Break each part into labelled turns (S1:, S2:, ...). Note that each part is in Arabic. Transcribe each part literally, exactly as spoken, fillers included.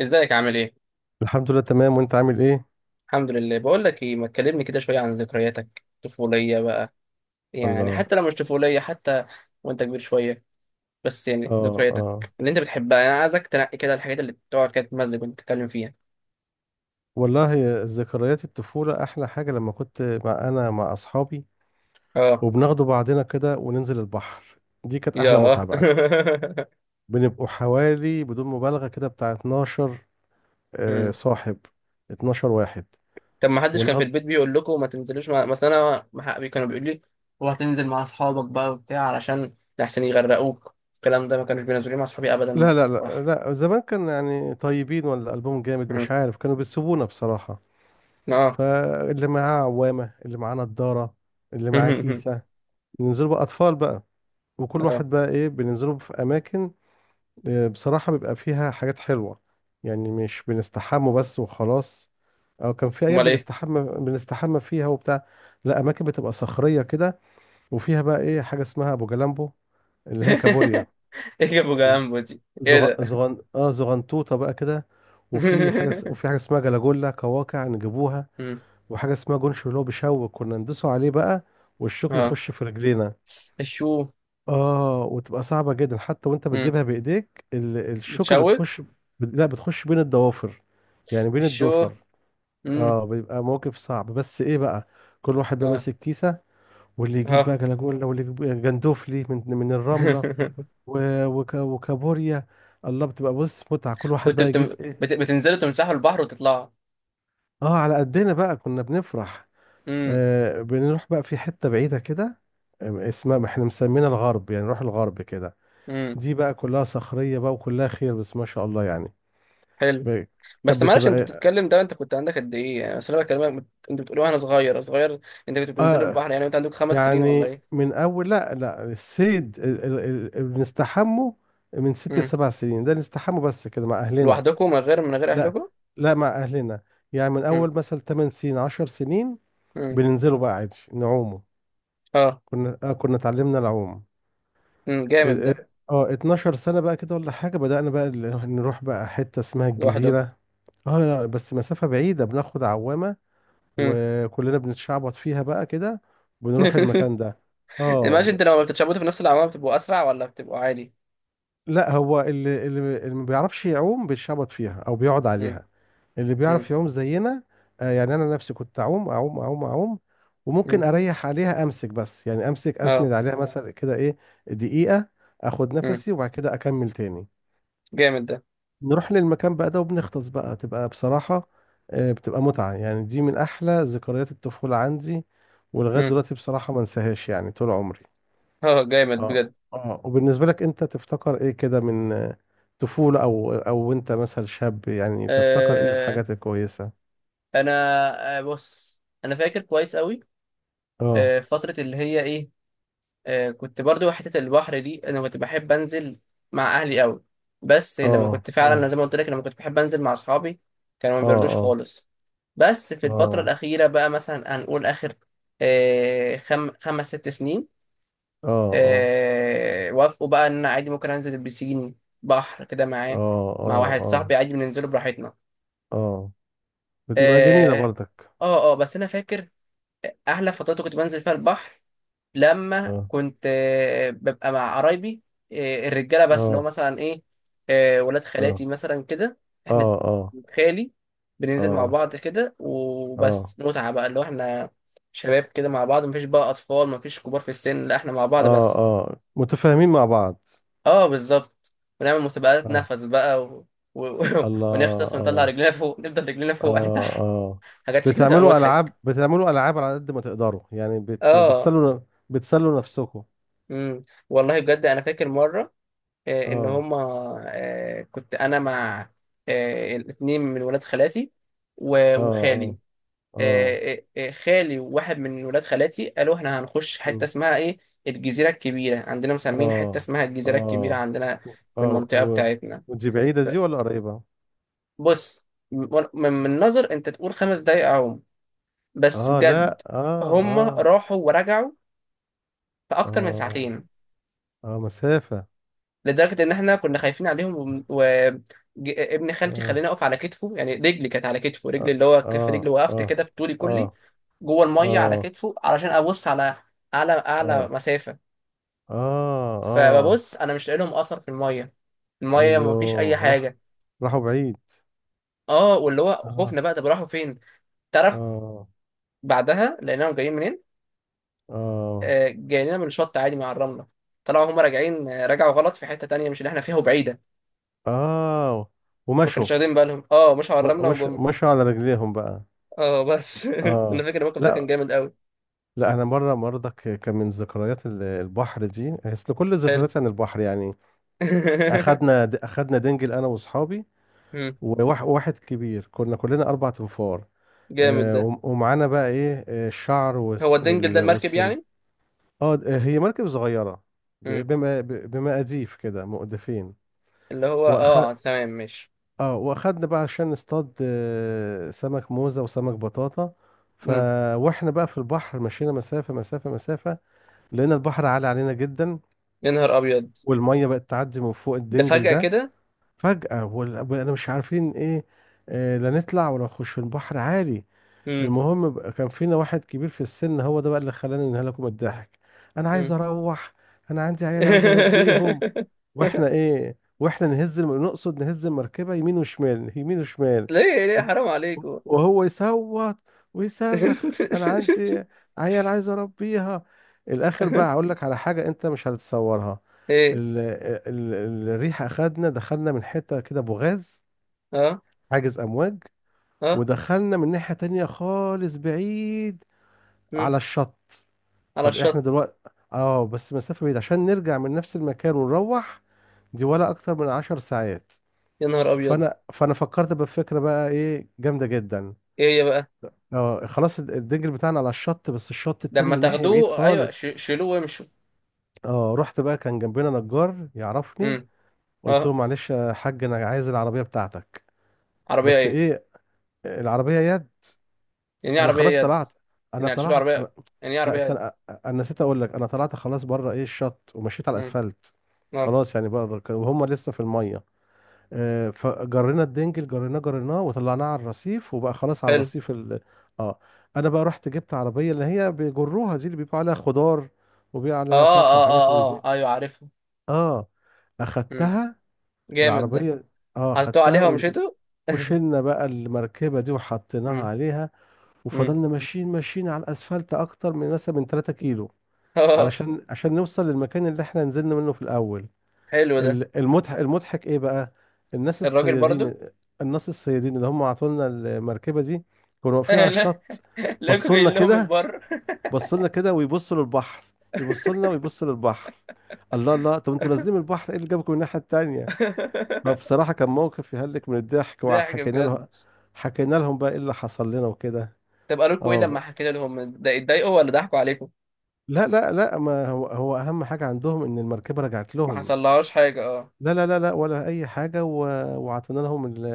S1: ازيك عامل ايه؟
S2: الحمد لله تمام. وانت عامل ايه؟
S1: الحمد لله. بقول لك ايه، ما تكلمني كده شويه عن ذكرياتك الطفوليه بقى. يعني
S2: الله.
S1: حتى لو مش طفوليه حتى، وانت كبير شويه. بس يعني
S2: اه اه.
S1: ذكرياتك اللي انت بتحبها، انا عايزك تنقي كده الحاجات اللي تقعد كده تمزج وانت تتكلم فيها.
S2: والله، ذكريات الطفولة احلى حاجة. لما كنت مع انا مع اصحابي
S1: اه.
S2: وبناخدوا بعضنا كده وننزل البحر، دي كانت احلى
S1: يا
S2: متعة بقى. بنبقوا حوالي بدون مبالغة كده بتاع اتناشر. آه،
S1: امم.
S2: صاحب اتناشر واحد.
S1: طب ما حدش كان في
S2: ونقض.
S1: البيت بيقول لكم ما تنزلوش مع... مثلا انا مع حقي كانوا بيقول لي: هو هتنزل مع اصحابك بقى وبتاع علشان لحسن يغرقوك. الكلام ده ما كانوش بينزلوني مع اصحابي ابدا.
S2: لا لا لا
S1: بحر.
S2: لا، زمان كان يعني طيبين ولا قلبهم جامد مش
S1: امم.
S2: عارف، كانوا بيسيبونا بصراحة.
S1: اه.
S2: فاللي معاه عوامة، اللي معاه نضارة، اللي معاه كيسة. ننزلوا بقى اطفال بقى، وكل
S1: اه،
S2: واحد بقى ايه بننزله في اماكن. آه، بصراحة بيبقى فيها حاجات حلوة. يعني مش بنستحمى بس وخلاص، او كان في ايام
S1: امال ايه.
S2: بنستحمى بنستحمى فيها وبتاع. لا، اماكن بتبقى صخرية كده، وفيها بقى ايه حاجة اسمها ابو جلامبو، اللي هي كابوريا.
S1: ايه ابو
S2: ز-
S1: جامبو دي؟ ايه
S2: زغ...
S1: ده؟
S2: زغن... اه زغنطوطة بقى كده. وفي حاجة اس- وفي حاجة اسمها جلاجولا كواكع نجيبوها.
S1: مم.
S2: وحاجة اسمها جونش، اللي هو بشوك، كنا ندوسه عليه بقى والشوك
S1: اه.
S2: يخش في رجلينا.
S1: الشو.
S2: اه، وتبقى صعبة جدا حتى وانت
S1: مم.
S2: بتجيبها بايديك، ال- الشوكة
S1: بتشوك.
S2: بتخش. لا، بتخش بين الضوافر، يعني بين
S1: الشو.
S2: الضفر.
S1: مم.
S2: اه، بيبقى موقف صعب، بس ايه بقى، كل واحد بقى
S1: اه
S2: ماسك كيسة. واللي يجيب بقى
S1: اه.
S2: جلاجولا، واللي يجيب جندوفلي من من الرملة، و- وك وكابوريا. الله، بتبقى بص متعة، كل واحد
S1: كنت
S2: بقى
S1: بتم...
S2: يجيب ايه.
S1: بت... بتنزلوا تمسحوا البحر وتطلعوا؟
S2: اه، على قدنا بقى كنا بنفرح.
S1: مم.
S2: آه، بنروح بقى في حتة بعيدة كده، آه، اسمها ما احنا مسمينها الغرب، يعني نروح الغرب كده.
S1: مم.
S2: دي بقى كلها صخرية بقى وكلها خير، بس ما شاء الله يعني.
S1: حلو.
S2: ب- كانت
S1: بس معلش، انت
S2: بتبقى
S1: بتتكلم، ده انت كنت عندك قد ايه يعني؟ اصل انا بكلمك، بت- انت بتقول وانا صغير صغير. انت كنت بتنزلوا
S2: آه،
S1: البحر، يعني انت عندك خمس سنين ولا
S2: يعني
S1: ايه؟
S2: من أول، لا لا، الصيد، ال- ال- ال- ال- بنستحمه من ست
S1: مم.
S2: لسبع سنين ده، نستحمه بس كده مع أهلنا.
S1: لوحدكم، من غير من غير
S2: لا،
S1: اهلكم.
S2: لا مع أهلنا. يعني من
S1: مم.
S2: أول مثلا تمن سنين عشر سنين
S1: مم.
S2: بننزله بقى عادي نعومه.
S1: اه.
S2: كنا آه كنا اتعلمنا العوم.
S1: مم. جامد
S2: ال-
S1: ده.
S2: ال- اه اتناشر سنة بقى كده ولا حاجة، بدأنا بقى ال- نروح بقى حتة اسمها
S1: لوحدكم.
S2: الجزيرة. اه، لا بس مسافة بعيدة، بناخد عوامة
S1: مم.
S2: وكلنا بنتشعبط فيها بقى كده، بنروح المكان ده.
S1: ماشي.
S2: اه،
S1: انت لما بتتشابطوا في نفس العماره بتبقوا اسرع ولا بتبقوا عادي؟
S2: لا هو اللي اللي اللي ما بيعرفش يعوم بيتشعبط فيها او بيقعد
S1: امم.
S2: عليها. اللي
S1: امم.
S2: بيعرف يعوم زينا. آه، يعني انا نفسي كنت اعوم اعوم اعوم اعوم، وممكن
S1: امم.
S2: اريح عليها امسك، بس يعني امسك اسند
S1: اه.
S2: عليها مثلا كده ايه، دقيقة، اخد
S1: امم.
S2: نفسي وبعد كده اكمل تاني.
S1: جامد ده.
S2: نروح للمكان بقى ده وبنغطس بقى، تبقى بصراحة آه، بتبقى متعة. يعني دي من أحلى ذكريات الطفولة عندي، ولغاية
S1: امم.
S2: دلوقتي بصراحة ما انساهاش يعني طول عمري.
S1: اه. جامد
S2: اه
S1: بجد.
S2: اه. وبالنسبة لك أنت تفتكر إيه كده من آه، طفولة أو أو أنت مثلا شاب، يعني تفتكر إيه
S1: آه.
S2: الحاجات الكويسة.
S1: انا. آه بص، انا فاكر كويس قوي.
S2: اه
S1: آه فتره اللي هي ايه. آه كنت برضو حته البحر دي، انا كنت بحب انزل مع اهلي قوي. بس لما
S2: اه
S1: كنت فعلا
S2: اه
S1: زي ما قلت لك، لما كنت بحب انزل مع اصحابي كانوا ما
S2: اه
S1: بيردوش
S2: اه
S1: خالص. بس في الفتره
S2: اه
S1: الاخيره بقى، مثلا هنقول اخر آه خم... خمس ست سنين،
S2: اه اه
S1: آه، وافقوا بقى ان انا عادي ممكن انزل البسين. بحر كده
S2: اه
S1: معاه، مع
S2: اه
S1: واحد
S2: اه
S1: صاحبي، عادي بننزله براحتنا.
S2: اه. بتبقى جميلة
S1: اه
S2: برضك.
S1: اه. آه، بس انا فاكر احلى فترات كنت بنزل فيها البحر لما
S2: اه
S1: كنت آه، ببقى مع قرايبي. آه، الرجاله بس اللي هو
S2: اه
S1: مثلا ايه. آه، ولاد خالاتي
S2: اه
S1: مثلا كده. احنا.
S2: اه اه
S1: خالي. بننزل مع
S2: اه
S1: بعض كده،
S2: اه
S1: وبس متعه بقى، اللي هو احنا شباب كده مع بعض، مفيش بقى اطفال، مفيش كبار في السن، لا احنا مع بعض
S2: اه
S1: بس.
S2: اه. متفاهمين مع بعض.
S1: اه، بالظبط. ونعمل مسابقات
S2: اه.
S1: نفس بقى و... و... و...
S2: الله.
S1: ونغطس ونطلع
S2: اه
S1: رجلينا فوق، نفضل رجلينا فوق وإحنا
S2: اه
S1: تحت.
S2: اه.
S1: حاجات شكلها تبقى
S2: بتعملوا العاب،
S1: مضحك.
S2: بتعملوا العاب على قد ما تقدروا، يعني بت...
S1: اه.
S2: بتسلوا، بتسلوا نفسكم.
S1: امم. والله بجد انا فاكر مره، آه، ان
S2: اه
S1: هما، آه، كنت انا مع آه، الاتنين من ولاد خالاتي و...
S2: اه
S1: وخالي.
S2: اه اه.
S1: آه، آه، آه، خالي وواحد من ولاد خالاتي قالوا احنا هنخش حته
S2: مم.
S1: اسمها ايه، الجزيره الكبيره. عندنا مسمين حته
S2: اه
S1: اسمها الجزيره الكبيره،
S2: اه
S1: عندنا في
S2: اه
S1: المنطقه
S2: و...
S1: بتاعتنا.
S2: ودي بعيدة دي ولا قريبة؟
S1: بص، من من نظر انت تقول خمس دقايق اهو، بس
S2: اه لا
S1: بجد
S2: اه
S1: هم
S2: اه.
S1: راحوا ورجعوا في اكتر من
S2: اه
S1: ساعتين.
S2: اه مسافة.
S1: لدرجه ان احنا كنا خايفين عليهم. وابن خالتي
S2: اه
S1: خلاني اقف على كتفه، يعني رجلي كانت على كتفه،
S2: اه
S1: رجلي اللي هو كف
S2: اه
S1: رجلي وقفت
S2: اه
S1: كده بطولي كلي
S2: اه
S1: جوه الميه على
S2: اه
S1: كتفه علشان ابص على اعلى اعلى
S2: اه
S1: مسافه.
S2: اه اه.
S1: فببص انا مش لاقي لهم اثر في الميه. الميه ما فيش اي
S2: ايوه راح،
S1: حاجه.
S2: راحوا بعيد.
S1: اه، واللي هو
S2: اه
S1: خوفنا بقى، طب راحوا فين؟ تعرف،
S2: اه
S1: بعدها لقيناهم جايين منين؟
S2: اه
S1: آه، جاي لنا من شط عادي مع الرمله. طلعوا هم راجعين، آه، رجعوا غلط في حته تانية مش اللي احنا فيها وبعيده.
S2: اه.
S1: ما
S2: ومشوا.
S1: كانوش واخدين بالهم، اه مش على
S2: و-
S1: الرمله
S2: مش
S1: وجم.
S2: مشوا على رجليهم بقى.
S1: اه، بس انا
S2: اه.
S1: فاكر الموقف ده كان
S2: لا
S1: جامد قوي.
S2: لا، انا مره مرضك كان من ذكريات ال- البحر دي، اصل كل
S1: حلو.
S2: ذكرياتي عن البحر يعني. اخدنا د- اخدنا دنجل انا واصحابي،
S1: مم،
S2: وواح- وواحد كبير، كنا كلنا اربع تنفار.
S1: جامد
S2: آه،
S1: ده.
S2: وم- ومعانا بقى ايه، آه، الشعر
S1: هو
S2: والس-
S1: الدنجل ده
S2: وال-
S1: المركب
S2: والسن.
S1: يعني؟
S2: اه د- هي مركب صغيره، ب-
S1: مم.
S2: بما ب- بمقاديف كده مؤدفين.
S1: اللي هو اه تمام، ماشي.
S2: اه، واخدنا بقى عشان نصطاد آه، سمك موزة وسمك بطاطا. ف
S1: مم.
S2: واحنا بقى في البحر، مشينا مسافة مسافة مسافة، لقينا البحر عالي علينا جدا،
S1: يا نهار ابيض.
S2: والمية بقت تعدي من فوق
S1: ده
S2: الدنجل
S1: فجأة
S2: ده.
S1: كده؟
S2: فجأة، وانا مش عارفين ايه، آه، لا نطلع ولا نخش، في البحر عالي.
S1: مم.
S2: المهم بقى، كان فينا واحد كبير في السن، هو ده بقى اللي خلاني انهلكوا من الضحك. انا عايز
S1: مم.
S2: اروح، انا عندي عيال عايز اربيهم. واحنا ايه، واحنا نهز الم... نقصد نهز المركبه يمين وشمال يمين وشمال،
S1: ليه ليه، حرام عليكم.
S2: وهو يصوت ويصرخ: انا عندي عيال عايز اربيها. الاخر بقى هقول لك على حاجه انت مش هتتصورها.
S1: ايه.
S2: ال... ال... ال- الريح اخدنا، دخلنا من حته كده بوغاز،
S1: اه
S2: حاجز امواج،
S1: اه.
S2: ودخلنا من ناحيه تانية خالص بعيد،
S1: مم.
S2: على الشط.
S1: على
S2: طب احنا
S1: الشط.
S2: دلوقتي، اه بس مسافة بعيدة عشان نرجع من نفس المكان ونروح، دي ولا اكتر من عشر ساعات.
S1: يا نهار ابيض.
S2: فانا فانا فكرت بفكرة بقى ايه جامدة جدا.
S1: ايه يا بقى؟
S2: اه، خلاص، الد- الدنجل بتاعنا على الشط، بس الشط التاني
S1: لما
S2: من ناحية بعيد
S1: تاخدوه، ايوه،
S2: خالص.
S1: ش- شيلوه وامشوا.
S2: اه، رحت بقى، كان جنبنا نجار يعرفني.
S1: امم.
S2: قلت له:
S1: اه.
S2: معلش يا حاج، انا عايز العربية بتاعتك.
S1: عربيه
S2: بس
S1: ايه؟
S2: ايه؟ العربية يد.
S1: يعني ايه
S2: انا
S1: عربيه
S2: خلاص
S1: يد؟
S2: طلعت انا
S1: يعني هتشيلوا
S2: طلعت انا
S1: عربيه؟ يعني ايه
S2: لا
S1: عربيه
S2: استنى،
S1: يد؟
S2: أ- انا نسيت اقول لك، انا طلعت خلاص بره ايه الشط، ومشيت على
S1: امم.
S2: الاسفلت.
S1: اه.
S2: خلاص، يعني بره ك- وهم لسه في الميه. آه، فجرينا الدنجل، جريناه جريناه وطلعناه على الرصيف، وبقى خلاص على
S1: حلو.
S2: الرصيف ال... اه. انا بقى رحت جبت عربيه، اللي هي بيجروها دي، اللي بيبقى عليها خضار وبيبقى عليها
S1: اه
S2: فاكهه
S1: اه اه
S2: وحاجات من دي.
S1: اه، ايوه عارفها.
S2: اه،
S1: امم.
S2: اخدتها
S1: جامد ده.
S2: العربيه. اه،
S1: حطيتوه
S2: اخدتها
S1: عليها
S2: و-
S1: ومشيتوا.
S2: وشلنا بقى المركبه دي وحطيناها
S1: امم.
S2: عليها،
S1: امم.
S2: وفضلنا ماشيين ماشيين على الاسفلت اكتر من مثلا من ثلاثة كيلو،
S1: اه. اه،
S2: علشان عشان نوصل للمكان اللي احنا نزلنا منه في الاول.
S1: حلو ده.
S2: ال- المضحك، المضحك ايه بقى، الناس
S1: الراجل برضو
S2: الصيادين، الناس الصيادين اللي هم عطولنا المركبه دي، كانوا واقفين
S1: آه،
S2: على
S1: لا،
S2: الشط.
S1: لقوا
S2: بصوا لنا
S1: جايين لهم
S2: كده،
S1: البر.
S2: بصوا لنا كده ويبصوا للبحر، يبصوا لنا ويبصوا للبحر. الله الله، طب انتوا نازلين من البحر، ايه اللي جابكم الناحيه التانيه؟ فبصراحه كان موقف يهلك من الضحك،
S1: ضحك
S2: وحكينا
S1: بجد.
S2: لهم، حكينا لهم بقى ايه اللي حصل لنا وكده.
S1: طب قالوا لكم ايه
S2: اه،
S1: لما حكيت لهم ده، اتضايقوا ولا ضحكوا عليكم؟
S2: لا لا لا، ما هو هو اهم حاجه عندهم ان المركبه رجعت
S1: ما
S2: لهم.
S1: حصلهاش حاجه، اه.
S2: لا لا لا لا، ولا اي حاجه و... وعطينا لهم ال...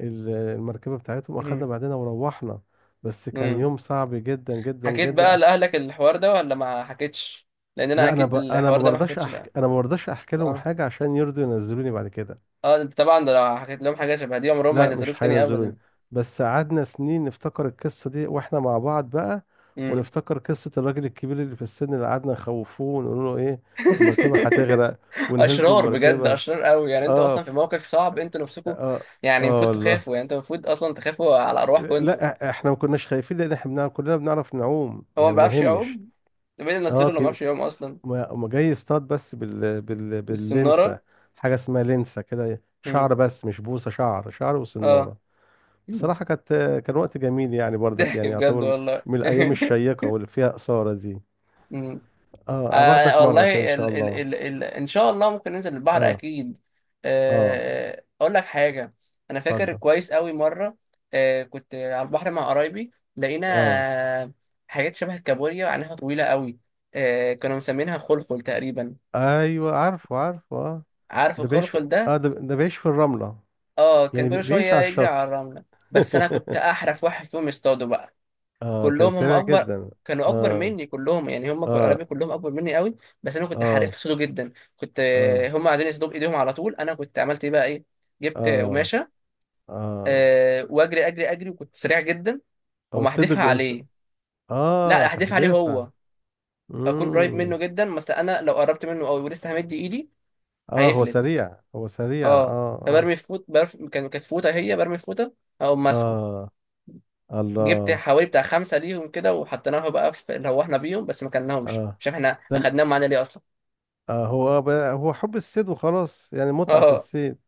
S2: ال- المركبه بتاعتهم،
S1: امم.
S2: واخدنا بعدنا وروحنا. بس كان
S1: امم.
S2: يوم صعب جدا جدا
S1: حكيت بقى
S2: جدا.
S1: لأهلك الحوار ده ولا ما حكيتش؟ لأن أنا
S2: لا، انا ب...
S1: أكيد
S2: انا ما
S1: الحوار ده ما
S2: برضاش
S1: حكيتش
S2: احكي،
S1: لأهلك.
S2: انا ما برضاش احكي لهم
S1: اه
S2: حاجه عشان يرضوا ينزلوني بعد كده.
S1: اه، انت طبعا ده لو حكيت لهم حاجة شبه دي عمرهم ما
S2: لا
S1: ينزلوك
S2: مش
S1: تاني
S2: هينزلوني.
S1: أبدا.
S2: بس قعدنا سنين نفتكر القصه دي واحنا مع بعض بقى،
S1: امم.
S2: ونفتكر قصه الراجل الكبير اللي في السن اللي قعدنا نخوفوه ونقول له ايه، المركبه هتغرق، ونهزوا
S1: اشرار بجد،
S2: المركبه.
S1: اشرار قوي. يعني انتوا
S2: اه
S1: اصلا في
S2: ف-
S1: موقف صعب انتوا نفسكم.
S2: اه
S1: يعني
S2: اه
S1: المفروض
S2: والله.
S1: تخافوا. يعني انتوا المفروض اصلا تخافوا على ارواحكم انتوا.
S2: لا إح- احنا ما كناش خايفين، لان احنا بنعرف، كلنا بنعرف نعوم،
S1: هو ما
S2: يعني ما
S1: بيعرفش
S2: يهمش.
S1: يعوم؟ ده مين اللي نزله
S2: اه
S1: اللي ما
S2: كي...
S1: بيعرفش يعوم اصلا؟
S2: ما ما جاي يصطاد بس بال... بال...
S1: دي السناره.
S2: باللنسة. حاجة اسمها لنسة كده، شعر
S1: امم.
S2: بس مش بوصة، شعر، شعر
S1: اه.
S2: وصنارة.
S1: مم.
S2: بصراحة كانت، كان وقت جميل يعني برضك
S1: ضحك
S2: يعني
S1: بجد
S2: يعتبر
S1: والله.
S2: من الأيام الشيقة واللي فيها إثارة دي.
S1: مم.
S2: اه،
S1: آه
S2: أباخدك مرة كده إن
S1: والله،
S2: شاء
S1: ال ال
S2: الله.
S1: ال ال ان شاء الله ممكن ننزل البحر
S2: اه
S1: اكيد.
S2: اه.
S1: آه اقول لك حاجه، انا فاكر
S2: اتفضل.
S1: كويس قوي مره، آه كنت على البحر مع قرايبي، لقينا
S2: اه.
S1: آه، حاجات شبه الكابوريا وعينها طويله قوي. آه كانوا مسمينها خلخل تقريبا.
S2: ايوه عارفه عارفه اه.
S1: عارف
S2: ده بيعيش في...
S1: الخلخل ده؟
S2: اه ده, ده بيعيش في الرملة.
S1: اه، كان
S2: يعني بي-
S1: كل
S2: بيعيش
S1: شويه
S2: على
S1: يجري على
S2: الشط.
S1: الرمله. بس انا كنت احرف واحد فيهم يصطاده بقى.
S2: اه، كان
S1: كلهم هم
S2: سريع
S1: اكبر،
S2: جدا.
S1: كانوا اكبر
S2: اه
S1: مني كلهم، يعني هم ك-
S2: اه
S1: قرايبي كلهم اكبر مني قوي. بس انا كنت حريف
S2: اه
S1: في صيده جدا. كنت
S2: اه
S1: آه، هم عايزين يصيدوا بايديهم على طول، انا كنت عملت ايه بقى ايه، جبت
S2: اه
S1: قماشه.
S2: اه.
S1: أه واجري اجري اجري وكنت سريع جدا،
S2: او
S1: وما
S2: صدق.
S1: احدفها عليه. لا
S2: اه
S1: احدفها عليه
S2: تحديفة.
S1: هو. اكون قريب
S2: امم.
S1: منه جدا، بس انا لو قربت منه قوي ولسه همد ايدي
S2: اه، هو
S1: هيفلت.
S2: سريع هو سريع اه.
S1: اه.
S2: اه
S1: فبرمي في فوت برف... كان كانت فوطه، هي برمي في فوطه او ماسكه.
S2: اه.
S1: جبت
S2: الله.
S1: حوالي بتاع خمسه ليهم كده، وحطيناها بقى في اللي هو احنا بيهم، بس ما كلناهمش،
S2: اه.
S1: مش عارف احنا
S2: لم.
S1: اخدناهم معانا ليه اصلا.
S2: آه، هو آه بقى- هو حب الصيد وخلاص، يعني متعة في
S1: اه.
S2: الصيد.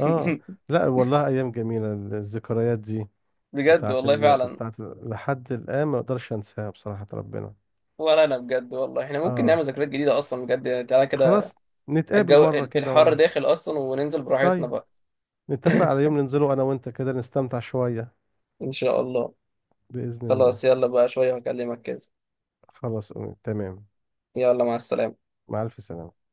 S2: اه. لا والله، ايام جميلة الذكريات دي،
S1: بجد
S2: بتاعت
S1: والله
S2: ال...
S1: فعلا.
S2: بتاعت ال... لحد الان ما اقدرش انساها بصراحة ربنا.
S1: ولا انا بجد والله احنا ممكن نعمل
S2: اه
S1: ذكريات جديده اصلا بجد، يعني تعالى
S2: خلاص،
S1: كده،
S2: نتقابل
S1: الجو
S2: مرة
S1: ال-
S2: كده
S1: الحر
S2: والله.
S1: داخل اصلا، وننزل براحتنا
S2: طيب،
S1: بقى.
S2: نتفق على يوم ننزله أنا وأنت كده نستمتع شوية.
S1: ان شاء الله.
S2: بإذن الله.
S1: خلاص، يلا بقى شويه هكلمك كده.
S2: خلاص تمام.
S1: يلا، مع السلامه.
S2: مع ألف سلامة.